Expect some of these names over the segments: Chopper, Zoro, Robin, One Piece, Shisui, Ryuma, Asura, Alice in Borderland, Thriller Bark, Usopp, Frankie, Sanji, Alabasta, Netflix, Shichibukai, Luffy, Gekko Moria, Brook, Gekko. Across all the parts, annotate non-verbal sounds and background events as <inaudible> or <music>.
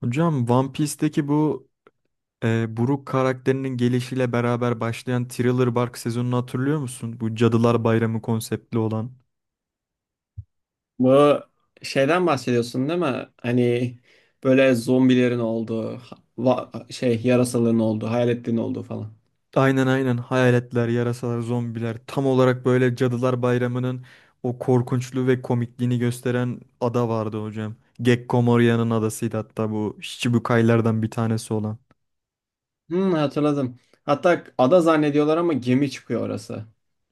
Hocam One Piece'teki bu Brook karakterinin gelişiyle beraber başlayan Thriller Bark sezonunu hatırlıyor musun? Bu Cadılar Bayramı konseptli olan. Bu şeyden bahsediyorsun değil mi? Hani böyle zombilerin olduğu, yarasaların olduğu, hayaletlerin olduğu falan. Aynen, hayaletler, yarasalar, zombiler, tam olarak böyle Cadılar Bayramı'nın o korkunçluğu ve komikliğini gösteren ada vardı hocam. Gekko Moria'nın adasıydı hatta, bu Shichibukai'lerden bir tanesi olan. Hmm, hatırladım. Hatta ada zannediyorlar ama gemi çıkıyor orası.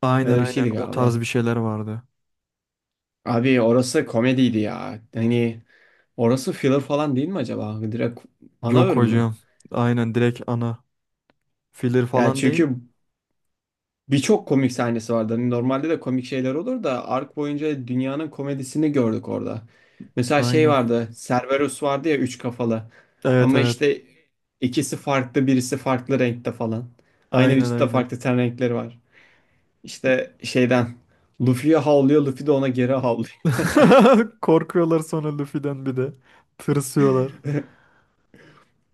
Aynen Öyle bir aynen şeydi o tarz galiba. bir şeyler vardı. Abi orası komediydi ya. Hani orası filler falan değil mi acaba? Direkt ana Yok bölüm mü? hocam. Aynen, direkt ana. Filler Ya falan değil. çünkü birçok komik sahnesi vardı. Hani normalde de komik şeyler olur da ark boyunca dünyanın komedisini gördük orada. Mesela şey Aynen. vardı. Cerberus vardı ya üç kafalı. Evet, Ama evet. işte ikisi farklı, birisi farklı renkte falan. Aynı Aynen, vücutta aynen. farklı ten renkleri var. İşte şeyden Luffy'ye havlıyor, Luffy de ona geri havlıyor. <laughs> <laughs> Korkuyorlar sonra Luffy'den bir de. Tırsıyorlar.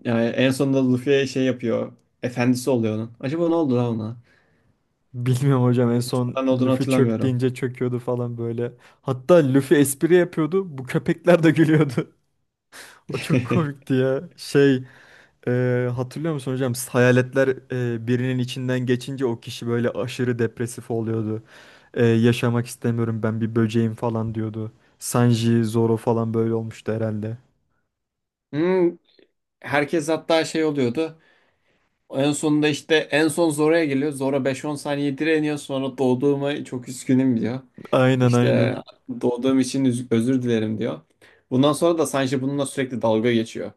Yani en sonunda Luffy'ye şey yapıyor. Efendisi oluyor onun. Acaba ne oldu lan ona? Bilmiyorum hocam, en son Ben olduğunu Luffy çök hatırlamıyorum. deyince çöküyordu falan böyle. Hatta Luffy espri yapıyordu. Bu köpekler de gülüyordu. <laughs> O çok <laughs> komikti ya. Hatırlıyor musun hocam? Hayaletler birinin içinden geçince o kişi böyle aşırı depresif oluyordu. Yaşamak istemiyorum, ben bir böceğim falan diyordu. Sanji, Zoro falan böyle olmuştu herhalde. Hmm, herkes hatta şey oluyordu. En sonunda işte en son Zora'ya geliyor. Zora 5-10 saniye direniyor. Sonra doğduğuma çok üzgünüm diyor. Aynen İşte aynen. Özür dilerim diyor. Bundan sonra da Sanji bununla sürekli dalga geçiyor.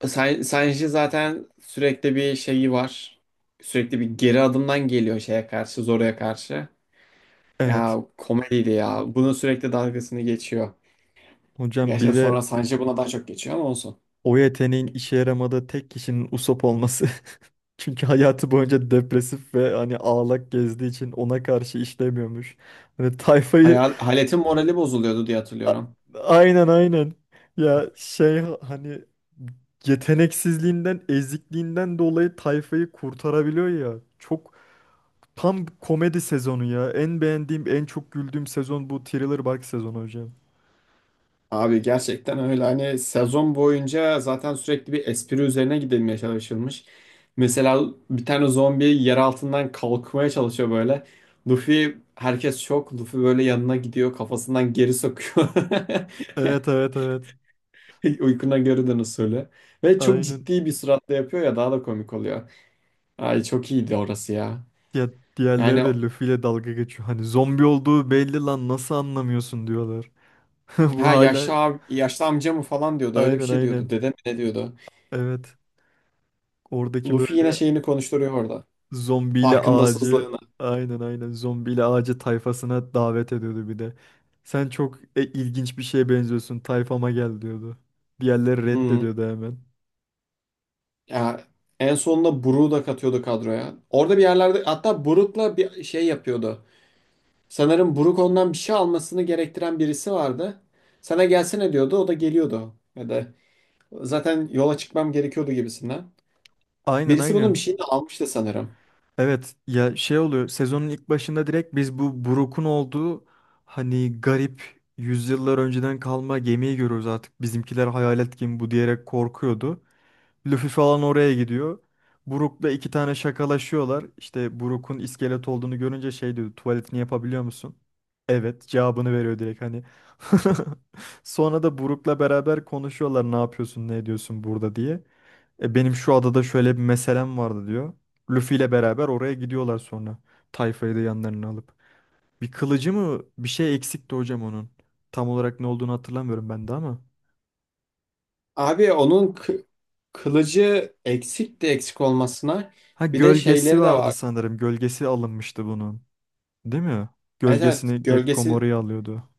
Sanji zaten sürekli bir şeyi var. Sürekli bir geri adımdan geliyor şeye karşı, Zora'ya karşı. Evet. Ya komediydi ya. Bunun sürekli dalgasını geçiyor. Hocam Gerçi bir sonra de Sanji buna daha çok geçiyor ama olsun. o yeteneğin işe yaramadığı tek kişinin Usopp olması. <laughs> Çünkü hayatı boyunca depresif ve hani ağlak gezdiği için ona karşı işlemiyormuş. Hani tayfayı Hayal, Halet'in morali bozuluyordu diye A- hatırlıyorum. aynen, aynen. Ya şey hani yeteneksizliğinden, ezikliğinden dolayı tayfayı kurtarabiliyor ya. Çok, tam komedi sezonu ya. En beğendiğim, en çok güldüğüm sezon bu Thriller Bark sezonu hocam. Abi gerçekten öyle, hani sezon boyunca zaten sürekli bir espri üzerine gidilmeye çalışılmış. Mesela bir tane zombi yer altından kalkmaya çalışıyor böyle. Luffy herkes şok. Luffy böyle yanına gidiyor kafasından geri sokuyor. Evet, evet, evet. <laughs> Uykuna görüden usulü. Ve çok Aynen. ciddi bir suratla yapıyor ya daha da komik oluyor. Ay çok iyiydi orası ya. Ya diğerleri Yani de Luffy ile dalga geçiyor. Hani zombi olduğu belli lan, nasıl anlamıyorsun diyorlar. <laughs> Bu ha hala yaşlı, yaşlı amca mı falan diyordu. Öyle bir aynen, şey diyordu. aynen. Dede mi ne diyordu. Evet. Oradaki Luffy yine böyle şeyini konuşturuyor orada. zombiyle ağacı, Farkındasızlığını. aynen aynen, zombiyle ağacı tayfasına davet ediyordu bir de. Sen çok ilginç bir şeye benziyorsun, tayfama gel diyordu. Diğerleri Hı. reddediyordu hemen. Ya, en sonunda Brook'u da katıyordu kadroya. Orada bir yerlerde hatta Brook'la bir şey yapıyordu. Sanırım Brook ondan bir şey almasını gerektiren birisi vardı. Sana gelsene diyordu. O da geliyordu. Ya da zaten yola çıkmam gerekiyordu gibisinden. Aynen Birisi bunun aynen. bir şeyini almıştı sanırım. Evet, ya şey oluyor sezonun ilk başında, direkt biz bu Brook'un olduğu hani garip yüzyıllar önceden kalma gemiyi görüyoruz artık. Bizimkiler hayalet gemi bu diyerek korkuyordu. Luffy falan oraya gidiyor. Brook'la iki tane şakalaşıyorlar. İşte Brook'un iskelet olduğunu görünce şey diyor, tuvaletini yapabiliyor musun? Evet cevabını veriyor direkt hani. <laughs> Sonra da Brook'la beraber konuşuyorlar, ne yapıyorsun ne ediyorsun burada diye. Benim şu adada şöyle bir meselem vardı diyor. Luffy ile beraber oraya gidiyorlar sonra. Tayfayı da yanlarına alıp. Bir kılıcı mı bir şey eksikti hocam onun. Tam olarak ne olduğunu hatırlamıyorum ben de ama. Abi onun kı- kılıcı eksik de eksik olmasına Ha, bir de gölgesi şeyleri de vardı var. sanırım. Gölgesi alınmıştı bunun. Değil mi? Evet evet, Gölgesini Gekko Moria alıyordu.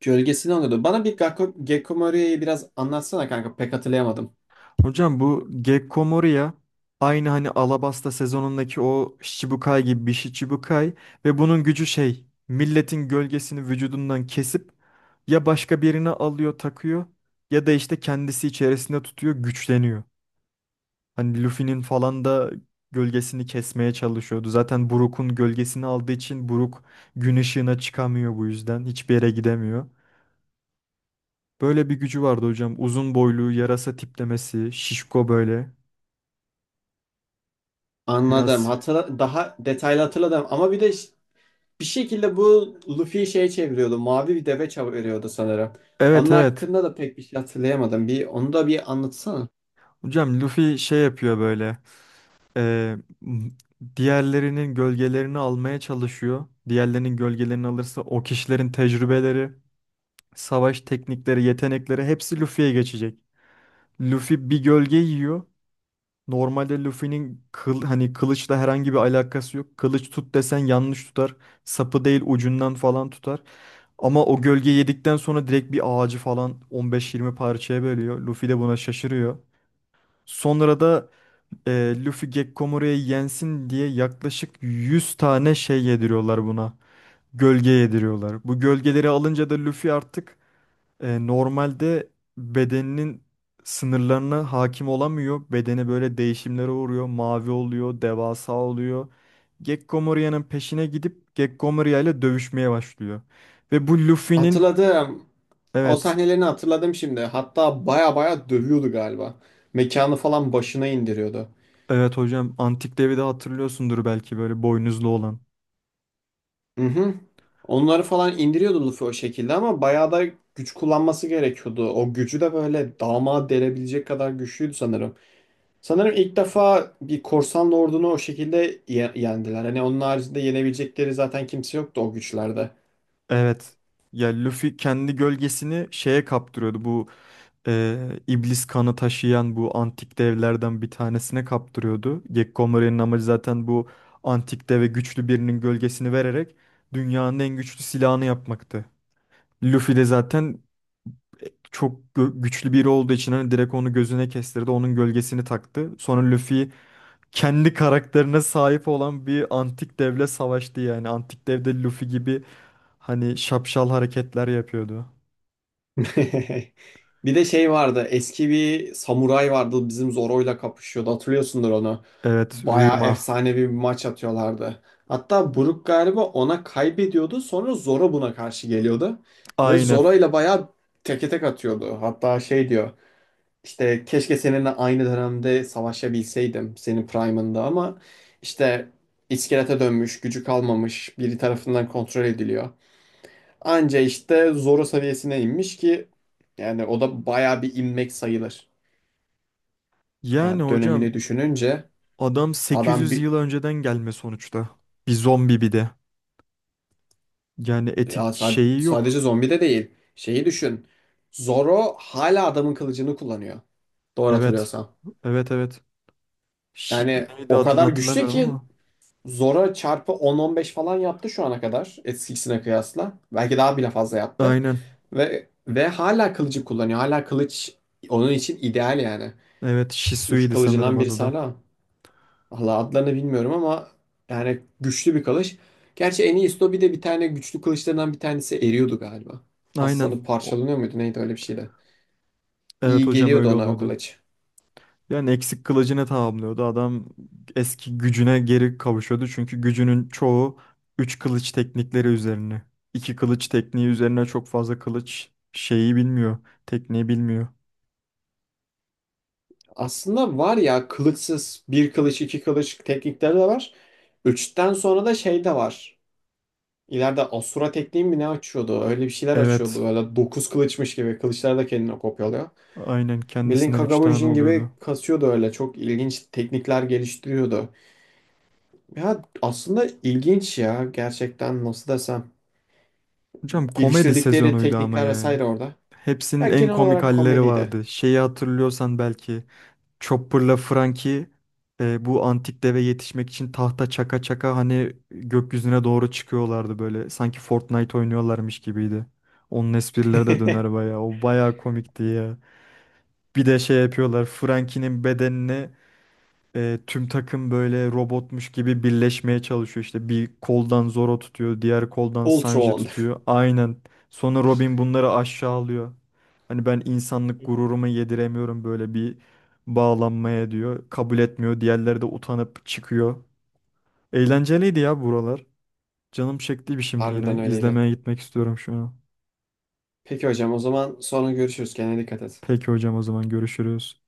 gölgesini alıyordu. Bana bir Gakko, Gekko biraz anlatsana kanka pek hatırlayamadım. Hocam bu Gekko Moria, aynı hani Alabasta sezonundaki o Shichibukai gibi bir Shichibukai, ve bunun gücü şey, milletin gölgesini vücudundan kesip ya başka birine alıyor takıyor ya da işte kendisi içerisinde tutuyor, güçleniyor. Hani Luffy'nin falan da gölgesini kesmeye çalışıyordu. Zaten Brook'un gölgesini aldığı için Brook gün ışığına çıkamıyor, bu yüzden hiçbir yere gidemiyor. Böyle bir gücü vardı hocam. Uzun boylu, yarasa tiplemesi, şişko böyle. Anladım. Biraz. Hatırla, daha detaylı hatırladım ama bir şekilde bu Luffy'yi şeye çeviriyordu. Mavi bir deve çeviriyordu sanırım. Evet, Onun evet. hakkında da pek bir şey hatırlayamadım. Bir onu da bir anlatsana. Hocam Luffy şey yapıyor böyle. e, m- Diğerlerinin gölgelerini almaya çalışıyor. Diğerlerinin gölgelerini alırsa o kişilerin tecrübeleri, savaş teknikleri, yetenekleri hepsi Luffy'ye geçecek. Luffy bir gölge yiyor. Normalde Luffy'nin hani kılıçla herhangi bir alakası yok. Kılıç tut desen yanlış tutar. Sapı değil ucundan falan tutar. Ama o gölge yedikten sonra direkt bir ağacı falan 15-20 parçaya bölüyor. Luffy de buna şaşırıyor. Sonra da Luffy Gekkomoru'ya yensin diye yaklaşık 100 tane şey yediriyorlar buna. Gölge yediriyorlar. Bu gölgeleri alınca da Luffy artık, normalde bedeninin sınırlarına hakim olamıyor. Bedeni böyle değişimlere uğruyor. Mavi oluyor, devasa oluyor. Gekkomoria'nın peşine gidip Gekkomoria ile dövüşmeye başlıyor. Ve bu Luffy'nin, Hatırladım. O evet, sahnelerini hatırladım şimdi. Hatta baya baya dövüyordu galiba. Mekanı falan başına indiriyordu. evet hocam antik devi de hatırlıyorsundur belki, böyle boynuzlu olan. Hı hı. Onları falan indiriyordu Luffy o şekilde ama bayağı da güç kullanması gerekiyordu. O gücü de böyle damağa delebilecek kadar güçlüydü sanırım. Sanırım ilk defa bir korsan ordunu o şekilde yendiler. Hani onun haricinde yenebilecekleri zaten kimse yoktu o güçlerde. Evet. Ya Luffy kendi gölgesini şeye kaptırıyordu. Bu e, iblis kanı taşıyan bu antik devlerden bir tanesine kaptırıyordu. Gekko Morei'nin amacı zaten bu antik deve güçlü birinin gölgesini vererek dünyanın en güçlü silahını yapmaktı. Luffy de zaten güçlü biri olduğu için hani direkt onu gözüne kestirdi. Onun gölgesini taktı. Sonra Luffy kendi karakterine sahip olan bir antik devle savaştı yani. Antik devde Luffy gibi hani şapşal hareketler yapıyordu. <laughs> Bir de şey vardı. Eski bir samuray vardı. Bizim Zoro'yla kapışıyordu. Hatırlıyorsundur onu. Evet, Bayağı Ryuma. efsanevi bir maç atıyorlardı. Hatta Brook galiba ona kaybediyordu. Sonra Zoro buna karşı geliyordu. Ve Aynen. Zoro'yla bayağı teke tek atıyordu. Hatta şey diyor. İşte keşke seninle aynı dönemde savaşabilseydim. Senin prime'ında ama işte iskelete dönmüş, gücü kalmamış, biri tarafından kontrol ediliyor. Anca işte Zoro seviyesine inmiş ki yani o da bayağı bir inmek sayılır. Yani Yani hocam dönemini düşününce adam adam 800 bir, yıl önceden gelme sonuçta. Bir zombi bir de. Yani etik şeyi yok. sadece zombi de değil. Şeyi düşün. Zoro hala adamın kılıcını kullanıyor. Doğru Evet. hatırlıyorsam. Evet, evet. Yani Neydi o adını kadar güçlü hatırlamıyorum ki ama. Zoro çarpı 10-15 falan yaptı şu ana kadar. Eskisine kıyasla. Belki daha bile fazla yaptı. Aynen. Ve hala kılıcı kullanıyor. Hala kılıç onun için ideal yani. Evet, Üç Shisui'ydi sanırım kılıcından adı birisi da. hala. Valla adlarını bilmiyorum ama yani güçlü bir kılıç. Gerçi Enisto bir de bir tane güçlü kılıçlarından bir tanesi eriyordu galiba. Aynen. Paslanıp O- parçalanıyor muydu neydi öyle bir şeydi. Evet İyi hocam geliyordu öyle ona o oluyordu. kılıç. Yani eksik kılıcını tamamlıyordu. Adam eski gücüne geri kavuşuyordu. Çünkü gücünün çoğu 3 kılıç teknikleri üzerine. İki kılıç tekniği üzerine çok fazla kılıç şeyi bilmiyor. Tekniği bilmiyor. Aslında var ya kılıçsız bir kılıç iki kılıç teknikleri de var. Üçten sonra da şey de var. İleride Asura tekniği mi ne açıyordu? Öyle bir şeyler Evet. açıyordu. Böyle 9 kılıçmış gibi. Kılıçlar da kendini kopyalıyor. Aynen, Bildiğin kendisinden 3 tane Kagabunjin gibi oluyordu. kasıyordu öyle. Çok ilginç teknikler geliştiriyordu. Ya aslında ilginç ya gerçekten nasıl desem. Hocam komedi Geliştirdikleri sezonuydu ama teknikler ya. vesaire orada. Ya Hepsinin en genel komik olarak halleri komediydi. vardı. Şeyi hatırlıyorsan belki, Chopper'la Frankie bu antik deve yetişmek için tahta çaka çaka hani gökyüzüne doğru çıkıyorlardı böyle. Sanki Fortnite oynuyorlarmış gibiydi. Onun esprileri de döner <laughs> bayağı. O bayağı komikti ya. Bir de şey yapıyorlar. Frankie'nin bedenini, tüm takım böyle robotmuş gibi birleşmeye çalışıyor. İşte bir koldan Zoro tutuyor, diğer koldan Ultra Sanji on. tutuyor. Aynen. Sonra Robin bunları aşağılıyor. Hani ben insanlık gururumu yediremiyorum böyle bir bağlanmaya diyor. Kabul etmiyor. Diğerleri de utanıp çıkıyor. Eğlenceliydi ya buralar. Canım çektiydi şimdi Harbiden yine. öyleydi. İzlemeye gitmek istiyorum şu an. Peki hocam o zaman sonra görüşürüz. Kendine dikkat et. Peki hocam, o zaman görüşürüz.